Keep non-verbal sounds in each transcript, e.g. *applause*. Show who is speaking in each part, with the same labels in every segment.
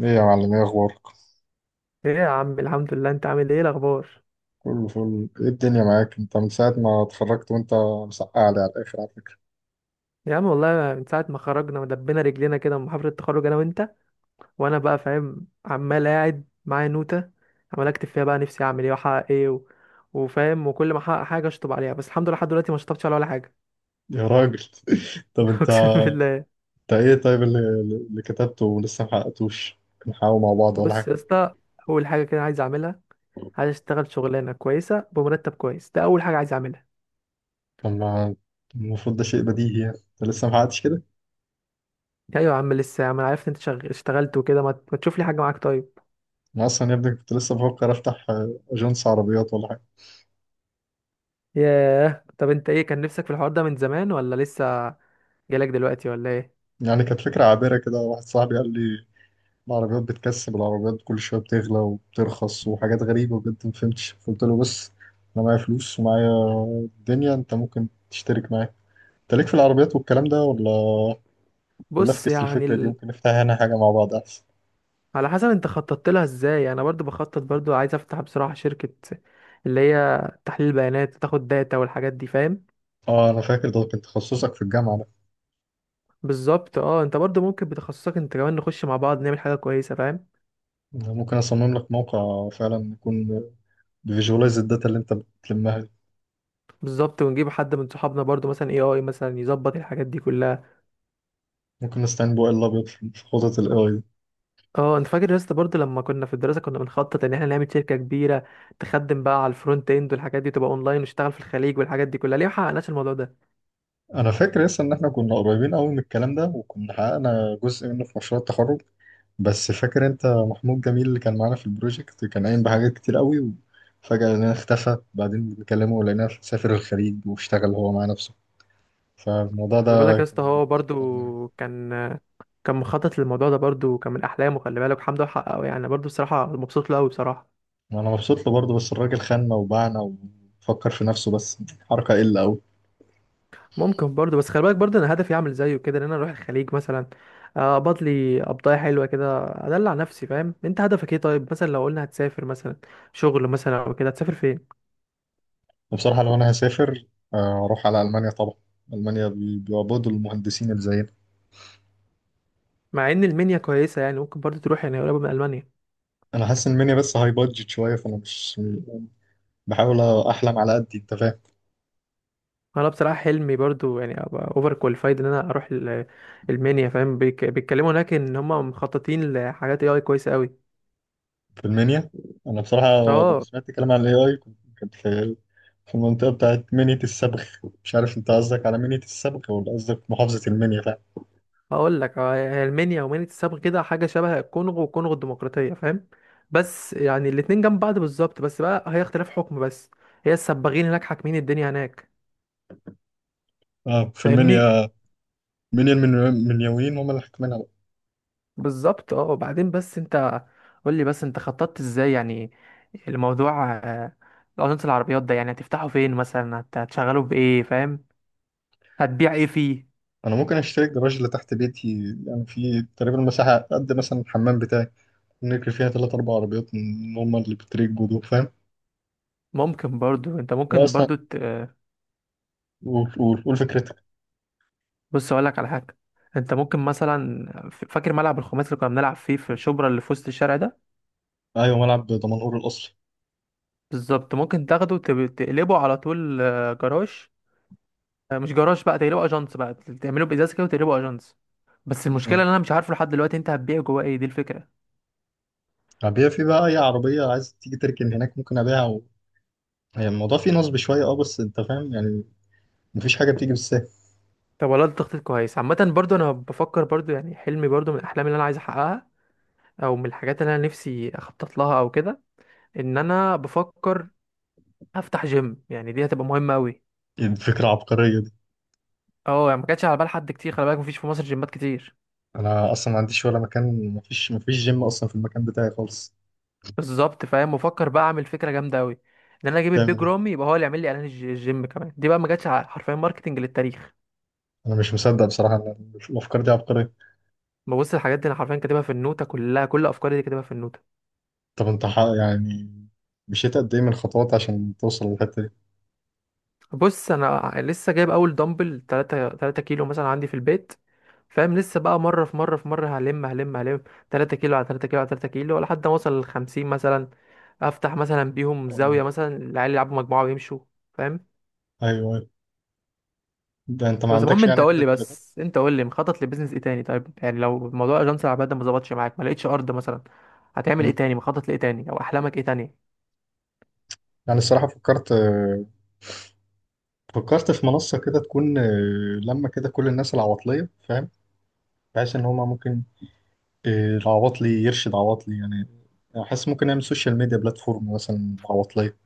Speaker 1: ايه يا معلم، ايه اخبارك؟
Speaker 2: ايه يا عم. الحمد لله، انت عامل ايه، الاخبار؟
Speaker 1: كله فل. ايه الدنيا معاك انت من ساعة ما اتخرجت وانت مسقع لي على الاخر على فكرة.
Speaker 2: يا عم والله من ساعه ما خرجنا ودبينا رجلينا كده من محاضره التخرج انا وانت، وانا بقى فاهم عمال قاعد معايا نوته عمال اكتب فيها بقى نفسي اعمل ايه واحقق ايه وفاهم، وكل ما احقق حاجه اشطب عليها. بس الحمد لله لحد دلوقتي ما شطبتش على ولا حاجه.
Speaker 1: يا راجل! *laughs* طب
Speaker 2: *laughs*
Speaker 1: انت،
Speaker 2: اقسم بالله.
Speaker 1: انت ايه طيب اللي كتبته ولسه محققتوش؟ نحاول مع بعض ولا
Speaker 2: بص
Speaker 1: حاجة؟
Speaker 2: يا اسطى، اول حاجه كده عايز اعملها، عايز اشتغل شغلانه كويسه بمرتب كويس. ده اول حاجه عايز اعملها.
Speaker 1: لما المفروض ده شيء بديهي، يعني انت لسه محققتش كده؟
Speaker 2: ايوه يا عم، لسه يا عم. انا عرفت انت اشتغلت وكده، ما تشوف لي حاجه معاك طيب؟
Speaker 1: انا اصلا يا ابني كنت لسه بفكر افتح اجنس عربيات ولا حاجة.
Speaker 2: ياه، طب انت ايه كان نفسك في الحوار ده من زمان ولا لسه جالك دلوقتي ولا ايه؟
Speaker 1: يعني كانت فكرة عابرة كده، واحد صاحبي قال لي العربيات بتكسب، العربيات كل شوية بتغلى وبترخص وحاجات غريبة بجد ما فهمتش. فقلت له: بس أنا معايا فلوس ومعايا الدنيا، أنت ممكن تشترك معايا. أنت ليك في العربيات والكلام ده ولا ولا
Speaker 2: بص
Speaker 1: أفكس
Speaker 2: يعني
Speaker 1: الفكرة دي؟ ممكن نفتحها هنا حاجة مع بعض أحسن.
Speaker 2: على حسب انت خططت لها ازاي. انا برضو بخطط، برضو عايز افتح بصراحة شركة اللي هي تحليل بيانات، تاخد داتا والحاجات دي، فاهم؟
Speaker 1: أه، أنا فاكر ده كان تخصصك في الجامعة ده.
Speaker 2: بالظبط اه. انت برضو ممكن بتخصصك انت كمان نخش مع بعض نعمل حاجة كويسة، فاهم؟
Speaker 1: أنا ممكن أصمم لك موقع فعلا يكون بيفيجوالايز الداتا اللي أنت بتلمها دي.
Speaker 2: بالظبط، ونجيب حد من صحابنا برضو، مثلا اي اي مثلا يظبط الحاجات دي كلها.
Speaker 1: ممكن نستعين بو ال أبيض في خطط ال AI.
Speaker 2: اه، انت فاكر يا اسطى برضه لما كنا في الدراسه كنا بنخطط ان احنا نعمل شركه كبيره تخدم بقى على الفرونت اند، والحاجات دي تبقى اونلاين، ونشتغل في الخليج والحاجات دي كلها؟ ليه ما حققناش الموضوع ده؟
Speaker 1: انا فاكر لسه ان احنا كنا قريبين قوي من الكلام ده، وكنا حققنا جزء منه في مشروع التخرج. بس فاكر انت محمود جميل اللي كان معانا في البروجكت كان قايم بحاجات كتير قوي، وفجأة لقيناه اختفى، بعدين بنكلمه ولقيناه سافر الخليج واشتغل هو مع نفسه، فالموضوع
Speaker 2: خلي بالك
Speaker 1: ده
Speaker 2: يا اسطى
Speaker 1: كان
Speaker 2: هو برضه
Speaker 1: عطلنا يعني.
Speaker 2: كان كان مخطط للموضوع ده برضه، كان من احلامه. خلي بالك الحمد لله حققه يعني، برضه بصراحه مبسوط له قوي بصراحه.
Speaker 1: وانا مبسوط له برضه، بس الراجل خاننا وباعنا وفكر في نفسه، بس حركة قلة قوي.
Speaker 2: ممكن برضه، بس خلي بالك برضه انا هدفي اعمل زيه كده، ان انا اروح الخليج مثلا، اقبض لي قبضايه حلوه كده، ادلع نفسي، فاهم؟ انت هدفك ايه طيب؟ مثلا لو قلنا هتسافر مثلا شغل مثلا او كده، هتسافر فين؟
Speaker 1: وبصراحة لو انا هسافر، اروح على المانيا طبعا. المانيا بيعبدوا المهندسين اللي زينا.
Speaker 2: مع ان المنيا كويسه يعني، ممكن برضو تروح، يعني قريبه من المانيا.
Speaker 1: انا حاسس ان المانيا بس هاي بادجت شويه، فانا مش بحاول احلم على قد انت فاهم.
Speaker 2: انا بصراحه حلمي برضو يعني ابقى اوفر كواليفايد ان انا اروح المنيا، فاهم؟ بيتكلموا هناك ان هم مخططين لحاجات اي اي كويسه قوي.
Speaker 1: في المنيا، انا بصراحه لما
Speaker 2: اه،
Speaker 1: سمعت كلام عن الاي اي كنت في في المنطقه بتاعت منيا الصبغ. مش عارف انت قصدك على منيا الصبغ ولا قصدك محافظه المنيا فعلا؟
Speaker 2: هقول لك هي المنيا ومنيا السبق كده، حاجه شبه الكونغو والكونغو الديمقراطيه، فاهم؟ بس يعني الاتنين جنب بعض بالظبط، بس بقى هي اختلاف حكم بس. هي السباغين هناك حاكمين الدنيا هناك،
Speaker 1: اه في
Speaker 2: فاهمني؟
Speaker 1: المنيا. منيا، المنيويين هم اللي حاكمينها بقى.
Speaker 2: بالظبط اه. وبعدين بس انت قول لي، بس انت خططت ازاي يعني الموضوع، اجنس العربيات ده يعني هتفتحه فين مثلا؟ هتشغله بايه، فاهم؟ هتبيع ايه فيه؟
Speaker 1: انا ممكن اشتري الجراج اللي تحت بيتي، يعني في تقريبا مساحه قد مثلا الحمام بتاعي، نركب فيها ثلاث اربع عربيات من هم اللي بتريقوا دول، فاهم؟
Speaker 2: ممكن برضو، انت ممكن
Speaker 1: واصلا
Speaker 2: برضو ت... آه،
Speaker 1: قول قول قول فكرتك.
Speaker 2: بص اقول لك على حاجه. انت ممكن مثلا فاكر ملعب الخماسي اللي كنا بنلعب فيه في شبرا، اللي في وسط الشارع ده؟
Speaker 1: ايوه، ملعب دمنهور الاصلي.
Speaker 2: بالظبط. ممكن تاخده تقلبه على طول جراج. مش جراج بقى، تقلبه اجنس بقى، تعمله بازاز كده وتقلبه اجنس. بس المشكله ان انا مش عارفه لحد دلوقتي انت هتبيع جواه ايه. دي الفكره.
Speaker 1: أبيع في بقى أي عربية عايز تيجي تركن هناك ممكن أبيعها و... يعني الموضوع فيه نصب شوية أه، بس أنت فاهم يعني، مفيش حاجة بتيجي بالسهل.
Speaker 2: طب والله ده تخطيط كويس. عامة برضو أنا بفكر برضو، يعني حلمي برضو من الأحلام اللي أنا عايز أحققها، أو من الحاجات اللي أنا نفسي أخطط لها أو كده، إن أنا بفكر أفتح جيم. يعني دي هتبقى مهمة أوي.
Speaker 1: *laughs* إيه الفكرة العبقرية دي؟
Speaker 2: أه يعني ما كانتش على بال حد كتير، خلي بالك مفيش في مصر جيمات كتير.
Speaker 1: أنا أصلا ما عنديش ولا مكان، مفيش جيم أصلا في المكان بتاعي خالص.
Speaker 2: بالظبط، فاهم؟ بفكر بقى أعمل فكرة جامدة أوي، إن أنا أجيب
Speaker 1: تعمل
Speaker 2: البيج
Speaker 1: إيه؟
Speaker 2: رامي يبقى هو اللي يعمل لي إعلان الجيم. كمان دي بقى ما جاتش حرفيا ماركتنج للتاريخ.
Speaker 1: أنا مش مصدق بصراحة إن الأفكار دي عبقرية.
Speaker 2: ببص الحاجات دي أنا حرفيا كاتبها في النوتة كلها، كل أفكاري دي كاتبها في النوتة.
Speaker 1: طب أنت ح... يعني مشيت قد إيه من الخطوات عشان توصل للحتة دي؟
Speaker 2: بص انا لسه جايب اول دمبل 3 كيلو مثلا عندي في البيت، فاهم؟ لسه بقى مره في مره في مره، هلم هلم هلم. 3 كيلو على 3 كيلو على 3 كيلو لحد ما اوصل ل 50 مثلا، افتح مثلا بيهم
Speaker 1: أه،
Speaker 2: زاويه مثلا العيال يلعبوا مجموعه ويمشوا، فاهم؟
Speaker 1: أيوه، أيوه. ده أنت ما
Speaker 2: بس المهم
Speaker 1: عندكش
Speaker 2: انت
Speaker 1: يعني
Speaker 2: قول
Speaker 1: كده
Speaker 2: لي،
Speaker 1: التلاتات؟
Speaker 2: بس انت قول لي مخطط لبيزنس ايه تاني طيب؟ يعني لو موضوع اجنس العمال ده ما ظبطش معاك، ما لقيتش ارض مثلا، هتعمل ايه
Speaker 1: مم.
Speaker 2: تاني؟ مخطط لايه تاني، او احلامك ايه تاني؟
Speaker 1: يعني الصراحة فكرت، فكرت في منصة كده تكون لما كده كل الناس العواطلية، فاهم؟ بحيث ان هما ممكن، العواطلي يرشد عواطلي يعني. أنا حاسس ممكن نعمل سوشيال ميديا بلاتفورم مثلا عواطلية.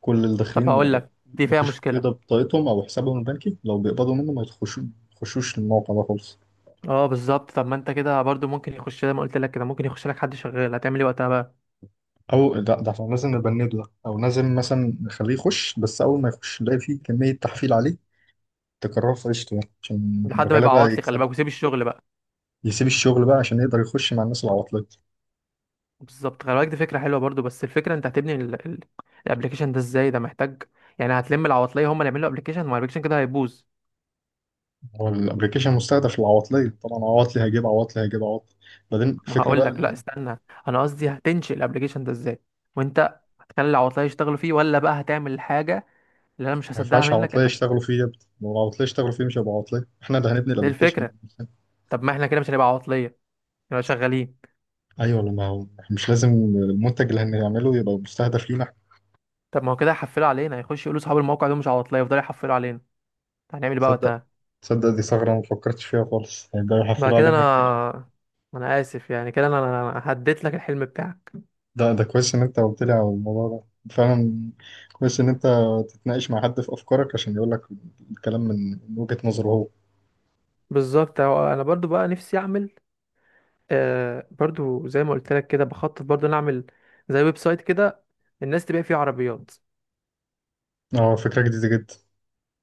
Speaker 1: كل اللي
Speaker 2: طب
Speaker 1: داخلين
Speaker 2: هقول لك، دي فيها
Speaker 1: بيخشوا كده
Speaker 2: مشكله.
Speaker 1: بطاقتهم أو حسابهم البنكي لو بيقبضوا منه ما يخشوش، يخشوش الموقع ده خالص.
Speaker 2: اه بالظبط. طب ما انت كده برضو ممكن يخش، زي ما قلت لك كده، ممكن يخش لك حد شغال. هتعمل ايه وقتها بقى؟
Speaker 1: أو لا، ده احنا لازم نبنده ده، أو لازم مثلا نخليه يخش، بس أول ما يخش نلاقي فيه كمية تحفيل عليه تكرره في عيشته يعني، عشان
Speaker 2: لحد ما يبقى
Speaker 1: الغلابة
Speaker 2: عواطلي، خلي بالك،
Speaker 1: يكسبها.
Speaker 2: وسيب الشغل بقى.
Speaker 1: يسيب الشغل بقى عشان يقدر يخش مع الناس العواطلية.
Speaker 2: بالظبط، خلي بالك دي فكره حلوه برضو، بس الفكره انت هتبني الابليكيشن ده ازاي؟ ده محتاج، يعني هتلم العواطليه هم اللي يعملوا ابليكيشن؟ ما الابليكيشن كده هيبوظ.
Speaker 1: هو الأبلكيشن مستهدف العواطلية، طبعا عواطلي هيجيب عواطلي هيجيب عواطلي. بعدين
Speaker 2: ما
Speaker 1: الفكرة
Speaker 2: هقول
Speaker 1: بقى،
Speaker 2: لك، لا استنى، انا قصدي هتنشئ الابليكيشن ده ازاي؟ وانت هتخلي العواطليه يشتغلوا فيه، ولا بقى هتعمل الحاجه اللي انا مش
Speaker 1: ما
Speaker 2: هصدقها
Speaker 1: ينفعش
Speaker 2: منك
Speaker 1: عواطلية
Speaker 2: انك،
Speaker 1: يشتغلوا فيه يا ابني، لو العواطلية يشتغلوا فيه مش هيبقى عواطلية. احنا اللي هنبني
Speaker 2: دي
Speaker 1: الابلكيشن ده
Speaker 2: الفكره؟
Speaker 1: بنفسنا.
Speaker 2: طب ما احنا كده مش هنبقى عواطليه، نبقى شغالين.
Speaker 1: ايوه، لما هو إحنا مش لازم المنتج اللي هنعمله يبقى مستهدف لينا احنا.
Speaker 2: طب ما هو كده هيحفلوا علينا، هيخش يقولوا اصحاب الموقع دول مش عواطليه، يفضلوا يحفلوا علينا. هنعمل إيه بقى
Speaker 1: تصدق،
Speaker 2: وقتها؟
Speaker 1: تصدق دي ثغرة ما فكرتش فيها خالص، هيبدأوا
Speaker 2: بعد
Speaker 1: يحفلوا
Speaker 2: كده
Speaker 1: علينا كتير قوي.
Speaker 2: انا اسف يعني كده. انا هديت لك الحلم بتاعك.
Speaker 1: ده ده كويس ان انت قلت لي على الموضوع ده فعلا. كويس ان انت تتناقش مع حد في افكارك عشان يقول لك الكلام من وجهة نظره هو.
Speaker 2: بالظبط. أهو انا برضو بقى نفسي اعمل برضو، زي ما قلت لك كده بخطط برضو نعمل زي ويب سايت كده الناس تبيع فيه عربيات.
Speaker 1: اه، فكرة جديدة جدا.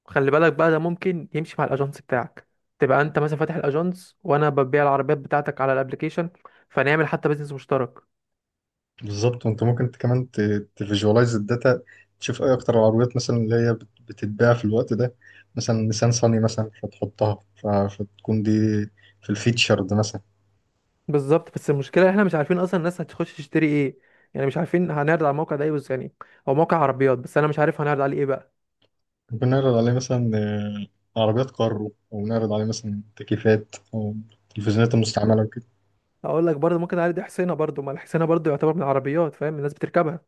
Speaker 2: خلي بالك بقى ده ممكن يمشي مع الاجنس بتاعك، تبقى انت مثلا فاتح الاجنس وانا ببيع العربيات بتاعتك على الابليكيشن، فنعمل حتى بيزنس مشترك.
Speaker 1: بالظبط. وانت ممكن كمان تفيجواليز الداتا، تشوف ايه اكتر العربيات مثلا اللي هي بتتباع في الوقت ده، مثلا نيسان صني مثلا فتحطها فتكون دي في الفيتشر ده مثلا.
Speaker 2: بالظبط، بس المشكله احنا مش عارفين اصلا الناس هتخش تشتري ايه، يعني مش عارفين هنعرض على الموقع ده ايه بس، يعني هو موقع عربيات بس انا مش عارف هنعرض عليه ايه بقى.
Speaker 1: ممكن نعرض عليه مثلا عربيات كارو، او نعرض عليه مثلا تكييفات او تلفزيونات المستعمله وكده.
Speaker 2: اقول لك برضه، ممكن عادي حسينه برضه. ما الحسينه برضه يعتبر من العربيات، فاهم؟ الناس بتركبها.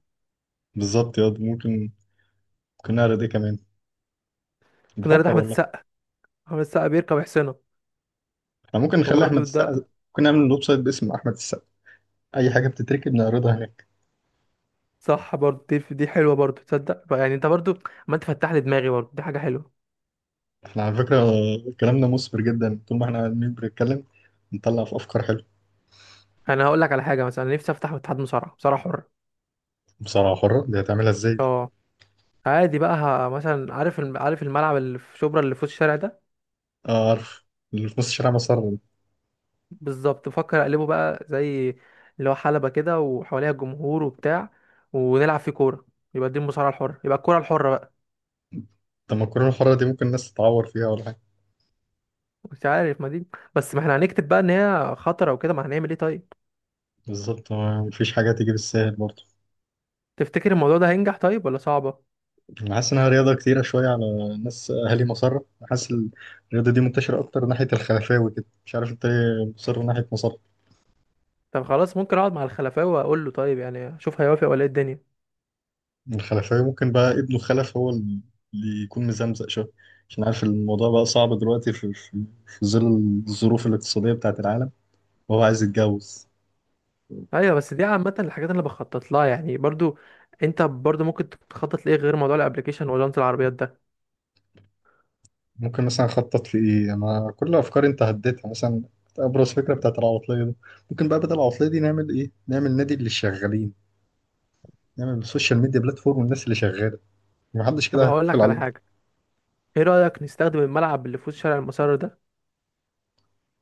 Speaker 1: بالظبط يا دي. ممكن، ممكن نعرض ايه كمان؟
Speaker 2: ممكن عادي
Speaker 1: بفكر
Speaker 2: احمد
Speaker 1: والله.
Speaker 2: السقا. احمد السقا بيركب حسينه.
Speaker 1: احنا ممكن نخلي احمد
Speaker 2: فبرضه ده
Speaker 1: السقا، ممكن نعمل ويب سايت باسم احمد السقا، اي حاجه بتتركب نعرضها هناك.
Speaker 2: صح برضه. دي حلوه برضه، تصدق؟ يعني انت برضه، ما انت فتح لي دماغي برضه. دي حاجه حلوه.
Speaker 1: احنا على فكرة كلامنا مثمر جدا، طول ما احنا قاعدين بنتكلم نطلع في أفكار حلوة.
Speaker 2: انا هقول لك على حاجه، مثلا نفسي افتح اتحاد مصارعه حره.
Speaker 1: مصارعة حرة دي هتعملها ازاي؟ دي؟
Speaker 2: اه، عادي بقى مثلا عارف عارف الملعب اللي في شبرا اللي في وسط الشارع ده؟
Speaker 1: اه، عارف، اللي في نص الشارع مسار.
Speaker 2: بالظبط، بفكر اقلبه بقى زي اللي هو حلبه كده وحواليها جمهور وبتاع، ونلعب فيه كوره، يبقى دي المصارعه الحره، يبقى الكوره الحره بقى.
Speaker 1: طب ما الكورونا الحرة دي ممكن الناس تتعور فيها ولا حاجة؟
Speaker 2: مش عارف ما دي، بس ما احنا هنكتب بقى ان هي خطره وكده، ما هنعمل ايه طيب.
Speaker 1: بالظبط، مفيش حاجة تيجي بالسهل برضه.
Speaker 2: تفتكر الموضوع ده هينجح طيب ولا صعبه؟
Speaker 1: أنا حاسس إنها رياضة كتيرة شوية على ناس أهالي مسار. حاسس الرياضة دي منتشرة أكتر ناحية الخلفاوي كده، مش عارف أنت ليه مصر ناحية مسار.
Speaker 2: طب خلاص، ممكن اقعد مع الخلفاوي واقول له، طيب يعني اشوف هيوافق ولا ايه الدنيا.
Speaker 1: الخلفية ممكن بقى ابنه خلف هو اللي يكون مزمزق شوية، عشان عارف الموضوع بقى صعب دلوقتي في, ظل الظروف الاقتصادية بتاعت العالم، وهو عايز يتجوز.
Speaker 2: ايوه، بس دي عامه الحاجات اللي بخطط لها يعني برضو. انت برضو ممكن تخطط لايه غير موضوع الابليكيشن وجنط العربيات ده؟
Speaker 1: ممكن مثلا أخطط في إيه؟ أنا كل أفكاري أنت هديتها. مثلا أبرز فكرة بتاعت العواطلية دي، ممكن بقى بدل العواطلية دي نعمل إيه؟ نعمل نادي للشغالين، نعمل السوشيال ميديا بلاتفورم والناس اللي شغالة، محدش
Speaker 2: طب
Speaker 1: كده
Speaker 2: هقول
Speaker 1: هيحفل
Speaker 2: لك على
Speaker 1: علينا.
Speaker 2: حاجه. ايه رايك نستخدم الملعب اللي في وسط شارع المسار ده،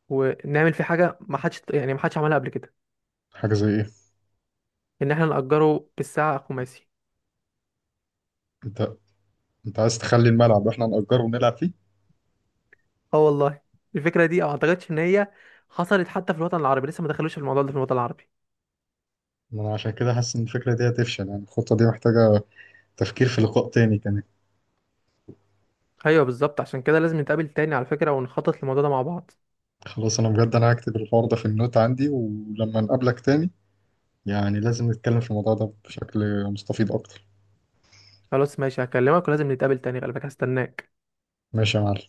Speaker 2: ونعمل فيه حاجه ما حدش يعني ما حدش عملها قبل كده؟
Speaker 1: حاجة زي إيه؟
Speaker 2: ان احنا نأجره بالساعه خماسي.
Speaker 1: أنت، أنت عايز تخلي الملعب إحنا نأجره ونلعب فيه؟
Speaker 2: اه والله، الفكره دي ما اعتقدش ان هي حصلت حتى في الوطن العربي، لسه ما دخلوش في الموضوع ده في الوطن العربي.
Speaker 1: ما أنا عشان كده حاسس إن الفكرة دي هتفشل، يعني الخطة دي محتاجة تفكير في لقاء تاني كمان.
Speaker 2: ايوه بالظبط، عشان كده لازم نتقابل تاني على فكره، ونخطط للموضوع ده مع بعض.
Speaker 1: خلاص انا بجد انا هكتب الحوار ده في النوت عندي، ولما نقابلك تاني يعني لازم نتكلم في الموضوع ده بشكل مستفيض اكتر.
Speaker 2: خلاص ماشي، هكلمك، ولازم نتقابل تاني على فكره. هستناك.
Speaker 1: ماشي يا معلم.